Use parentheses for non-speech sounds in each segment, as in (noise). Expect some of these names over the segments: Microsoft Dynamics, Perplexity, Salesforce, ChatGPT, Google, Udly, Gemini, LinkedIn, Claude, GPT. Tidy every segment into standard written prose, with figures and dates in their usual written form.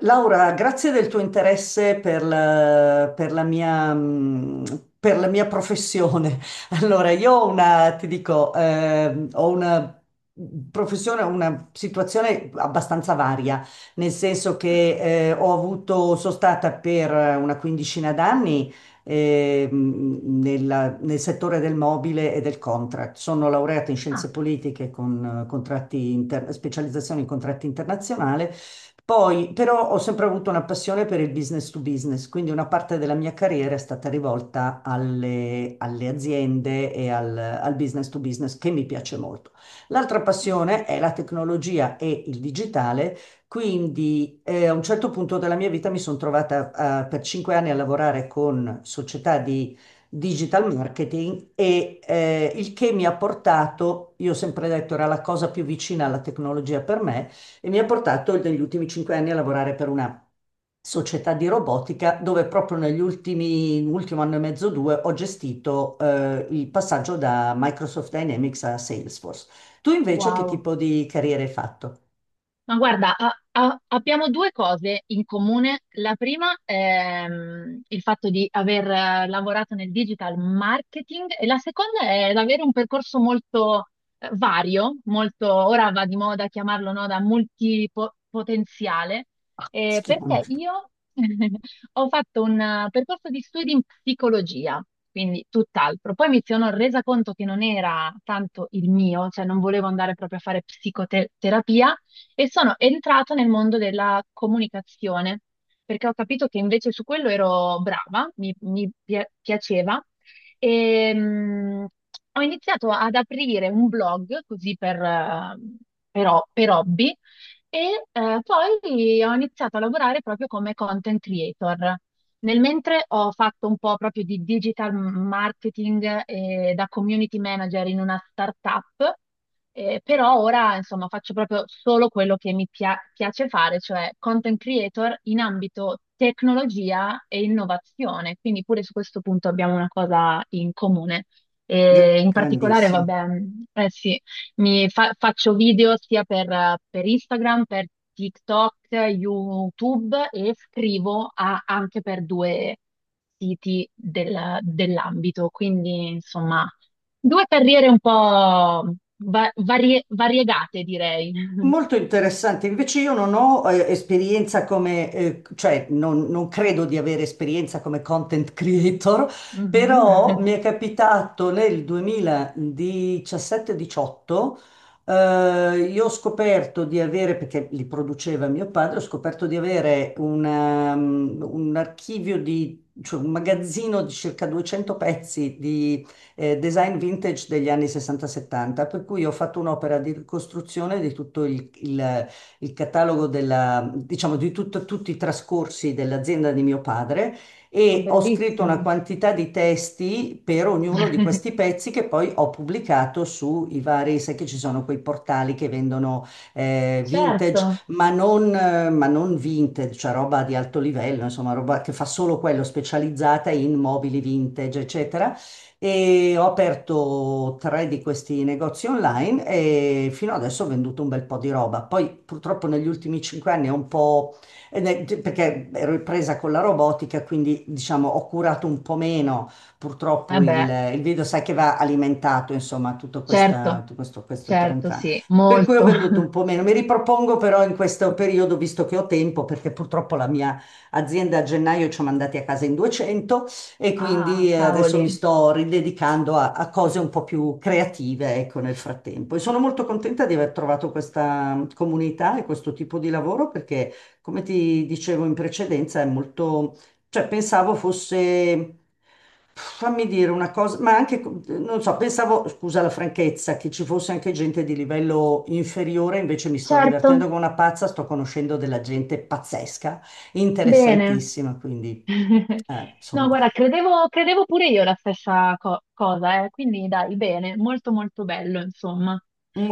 Laura, grazie del tuo interesse per la mia professione. (laughs) Allora, io ho una, ti dico, ho una professione, una situazione abbastanza varia, nel senso Ah, che sono stata per una quindicina d'anni, nel settore del mobile e del contract. Sono laureata in scienze ah, politiche con specializzazione in contratti internazionali. Poi, però, ho sempre avuto una passione per il business to business, quindi una parte della mia carriera è stata rivolta alle aziende e al business to business, che mi piace molto. L'altra ah. passione è la tecnologia e il digitale, quindi a un certo punto della mia vita mi sono trovata per 5 anni a lavorare con società di digital marketing il che mi ha portato, io ho sempre detto, era la cosa più vicina alla tecnologia per me, e mi ha portato negli ultimi 5 anni a lavorare per una società di robotica, dove proprio negli ultimo anno e mezzo, due, ho gestito il passaggio da Microsoft Dynamics a Salesforce. Tu invece che Wow, tipo di carriera hai fatto? ma guarda, abbiamo due cose in comune. La prima è il fatto di aver lavorato nel digital marketing, e la seconda è avere un percorso molto vario, molto, ora va di moda chiamarlo, no, da multipotenziale, Si chiama perché molto. io (laughs) ho fatto un percorso di studi in psicologia, quindi tutt'altro. Poi mi sono resa conto che non era tanto il mio, cioè non volevo andare proprio a fare psicoterapia e sono entrata nel mondo della comunicazione, perché ho capito che invece su quello ero brava, mi piaceva, e ho iniziato ad aprire un blog così per, per hobby e poi ho iniziato a lavorare proprio come content creator. Nel mentre ho fatto un po' proprio di digital marketing da community manager in una startup, però ora insomma faccio proprio solo quello che mi piace fare, cioè content creator in ambito tecnologia e innovazione, quindi pure su questo punto abbiamo una cosa in comune. E in particolare, Grandissimo. vabbè, eh sì. Faccio video sia per Instagram, per TikTok, YouTube, e scrivo anche per due siti dell'ambito. Quindi, insomma, due carriere un po' variegate, direi. (laughs) Molto interessante, invece io non ho esperienza come, cioè non credo di avere esperienza come content creator, però Mhm. mi è capitato nel 2017-18, io ho scoperto di avere, perché li produceva mio padre, ho scoperto di avere un archivio cioè un magazzino di circa 200 pezzi di design vintage degli anni 60-70, per cui ho fatto un'opera di ricostruzione di tutto il catalogo della, diciamo, tutti i trascorsi dell'azienda di mio padre, Ma e ho scritto una bellissimo. quantità di testi per ognuno di (laughs) questi pezzi che poi ho pubblicato sui vari, sai che ci sono quei portali che vendono Certo, vintage, ma non, ma non vintage, cioè roba di alto livello, insomma, roba che fa solo quello, specializzata in mobili vintage, eccetera. E ho aperto tre di questi negozi online e fino adesso ho venduto un bel po' di roba. Poi purtroppo negli ultimi 5 anni ho un po', perché ero presa con la robotica, quindi diciamo ho curato un po' meno purtroppo il, vabbè, il video, sai che va alimentato, insomma, certo, tutto questo, questo tran certo, tran. sì, Per cui ho molto. venduto (laughs) un po' meno. Mi ripropongo però in questo periodo, visto che ho tempo, perché purtroppo la mia azienda a gennaio ci ha mandati a casa in 200, e Ah, quindi adesso mi cavoli. sto ridedicando a cose un po' più creative, ecco, nel frattempo. E sono molto contenta di aver trovato questa comunità e questo tipo di lavoro perché, come ti dicevo in precedenza, è molto, cioè pensavo fosse, fammi dire una cosa, ma anche, non so, pensavo, scusa la franchezza, che ci fosse anche gente di livello inferiore, invece mi sto divertendo Certo, come una pazza, sto conoscendo della gente pazzesca, bene. interessantissima, quindi, (laughs) No, insomma. guarda, credevo, credevo pure io la stessa cosa, eh. Quindi dai, bene, molto molto bello, insomma.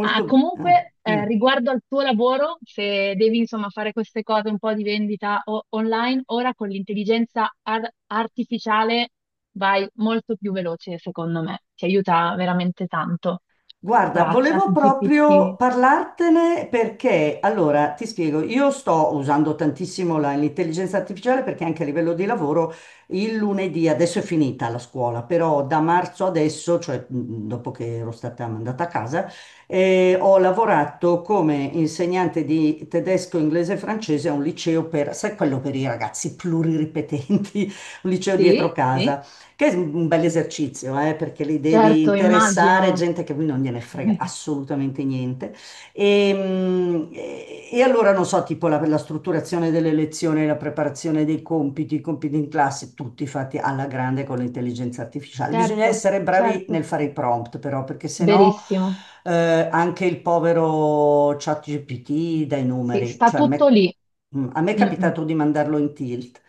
Ah, bene. comunque, riguardo al tuo lavoro, se devi insomma fare queste cose un po' di vendita online, ora con l'intelligenza artificiale vai molto più veloce, secondo me. Ti aiuta veramente tanto. Guarda, Tra volevo proprio GPT. parlartene perché, allora, ti spiego, io sto usando tantissimo l'intelligenza artificiale, perché anche a livello di lavoro il lunedì, adesso è finita la scuola, però da marzo adesso, cioè dopo che ero stata mandata a casa, ho lavorato come insegnante di tedesco, inglese e francese a un liceo per, sai, quello per i ragazzi pluriripetenti, (laughs) un liceo dietro Sì, sì, casa. Che è un bel esercizio, perché li devi certo, interessare immagino. gente che non gliene frega (laughs) assolutamente niente. E allora, non so, tipo la strutturazione delle lezioni, la preparazione dei compiti, i compiti in classe, tutti fatti alla grande con l'intelligenza artificiale. Bisogna Certo, essere bravi certo. nel fare i prompt, però, perché sennò Verissimo. Anche il povero ChatGPT dà i Sì, numeri. sta Cioè, a tutto me, lì. mm, a me è Mm, mm. capitato di mandarlo in tilt.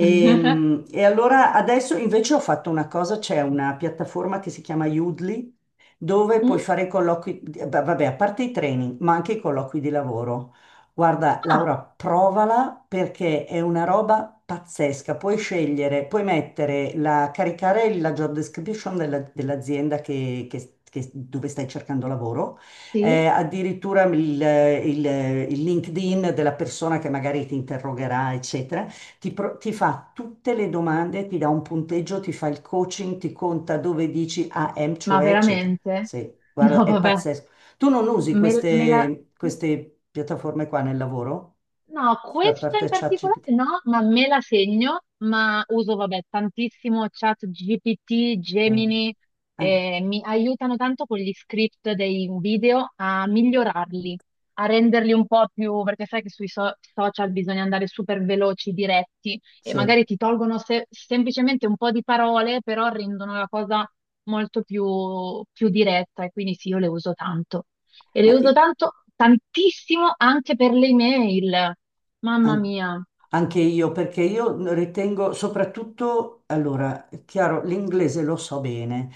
(laughs) e allora adesso invece ho fatto una cosa, c'è una piattaforma che si chiama Udly, dove puoi Mm? fare i colloqui, vabbè, a parte i training, ma anche i colloqui di lavoro. Guarda, Ah, Laura, provala perché è una roba pazzesca. Puoi scegliere, puoi mettere caricare la job description dell'azienda dove stai cercando lavoro, sì? Addirittura il, il LinkedIn della persona che magari ti interrogherà, eccetera. Ti fa tutte le domande, ti dà un punteggio, ti fa il coaching, ti conta dove dici AM, Ma cioè, eccetera. veramente? Sì, (laughs) guarda, No, è vabbè. pazzesco. Tu non usi Me, me la... queste piattaforme qua nel lavoro? No, Da questa in parte particolare ChatGPT? no, ma me la segno, ma uso, vabbè, tantissimo chat GPT, No. Gemini, Ah, mi aiutano tanto con gli script dei video a migliorarli, a renderli un po' più, perché sai che sui social bisogna andare super veloci, diretti, e sì. magari ti tolgono semplicemente un po' di parole, però rendono la cosa molto più, più diretta, e quindi sì, io le uso tanto. E Ma le uso i- tanto, tantissimo anche per le email. Mamma An- mia. Anche io, perché io ritengo soprattutto, allora, è chiaro, l'inglese lo so bene,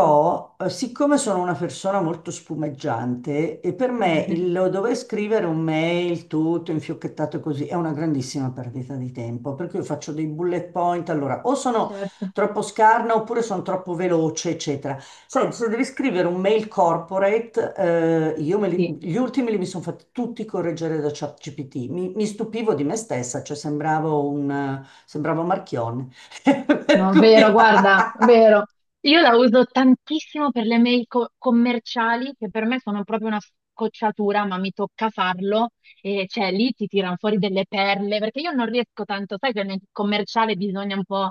Sì. Siccome sono una persona molto spumeggiante, e per me il (laughs) dover scrivere un mail tutto infiocchettato così è una grandissima perdita di tempo, perché io faccio dei bullet point, allora, o sono Certo, troppo scarna oppure sono troppo veloce, eccetera. Senti, se devi scrivere un mail corporate, io sì. gli ultimi li mi sono fatti tutti correggere da ChatGPT. Mi stupivo di me stessa, cioè sembravo Marchione. (laughs) Per No, vero, cui- (laughs) guarda, vero. Io la uso tantissimo per le mail commerciali, che per me sono proprio una scocciatura, ma mi tocca farlo. E cioè lì ti tirano fuori delle perle, perché io non riesco tanto, sai che nel commerciale bisogna un po'...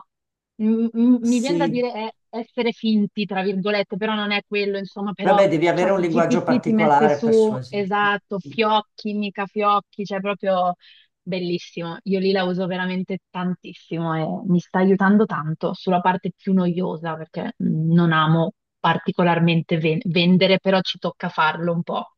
mi viene da Sì, dire essere finti, tra virgolette, però non è quello, insomma, però vabbè, devi avere un linguaggio ChatGPT ti mette particolare, su, persuasivo. esatto, fiocchi, mica fiocchi, cioè proprio... Bellissimo, io lì la uso veramente tantissimo e mi sta aiutando tanto sulla parte più noiosa perché mhmm, non amo particolarmente vendere, però ci tocca farlo un po'.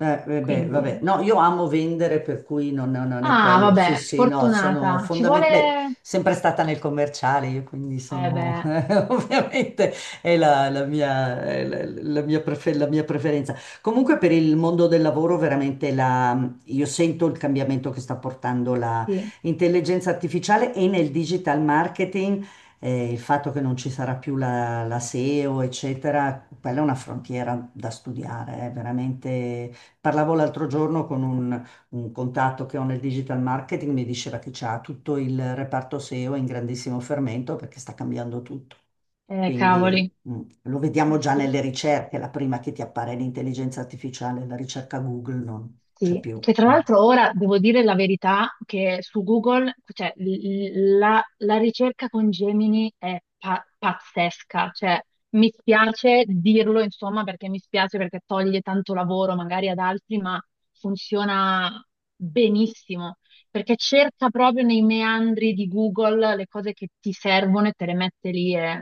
Beh, Quindi, vabbè, no, io amo vendere, per cui non è ah, quello. Sì, vabbè, sì, no, sono fortunata. Ci fondamentalmente, beh, vuole, sempre stata nel commerciale, io, quindi eh sono, (laughs) beh, ovviamente, è la mia, è la- la mia prefe- la mia preferenza. Comunque per il mondo del lavoro, veramente, io sento il cambiamento che sta portando la sì, intelligenza artificiale e nel digital marketing. Il fatto che non ci sarà più la SEO, eccetera, quella è una frontiera da studiare, è veramente. Parlavo l'altro giorno con un contatto che ho nel digital marketing, mi diceva che c'ha tutto il reparto SEO in grandissimo fermento perché sta cambiando tutto. Cavoli, Quindi lo eh, vediamo già sì. nelle ricerche, la prima che ti appare è l'intelligenza artificiale, la ricerca Google non c'è Sì, più. che tra eh. l'altro ora devo dire la verità che su Google, cioè, la ricerca con Gemini è pazzesca, cioè mi spiace dirlo insomma perché mi spiace perché toglie tanto lavoro magari ad altri, ma funziona benissimo perché cerca proprio nei meandri di Google le cose che ti servono e te le mette lì, è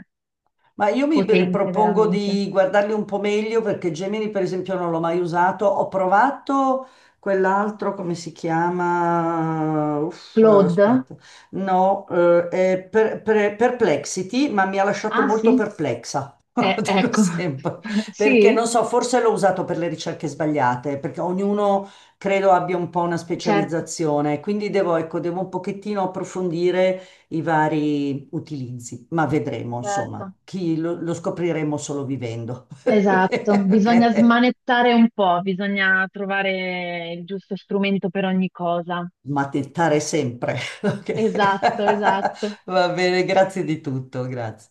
Ma io mi potente ripropongo veramente. di guardarli un po' meglio, perché Gemini, per esempio, non l'ho mai usato. Ho provato quell'altro, come si chiama? Uff, Claude? aspetta. No, Perplexity, ma mi ha lasciato Ah molto sì? perplexa. (laughs) Lo dico Ecco, sempre, (laughs) perché sì, non so, forse l'ho usato per le ricerche sbagliate, perché ognuno credo abbia un po' una certo. specializzazione, quindi devo, ecco, devo un pochettino approfondire i vari utilizzi, ma vedremo, insomma, Certo, chi lo scopriremo solo vivendo. (laughs) esatto, bisogna Ok? smanettare un po', bisogna trovare il giusto strumento per ogni cosa. Mattare sempre. (laughs) Ok? Esatto, esatto. (laughs) Va bene, grazie di tutto, grazie.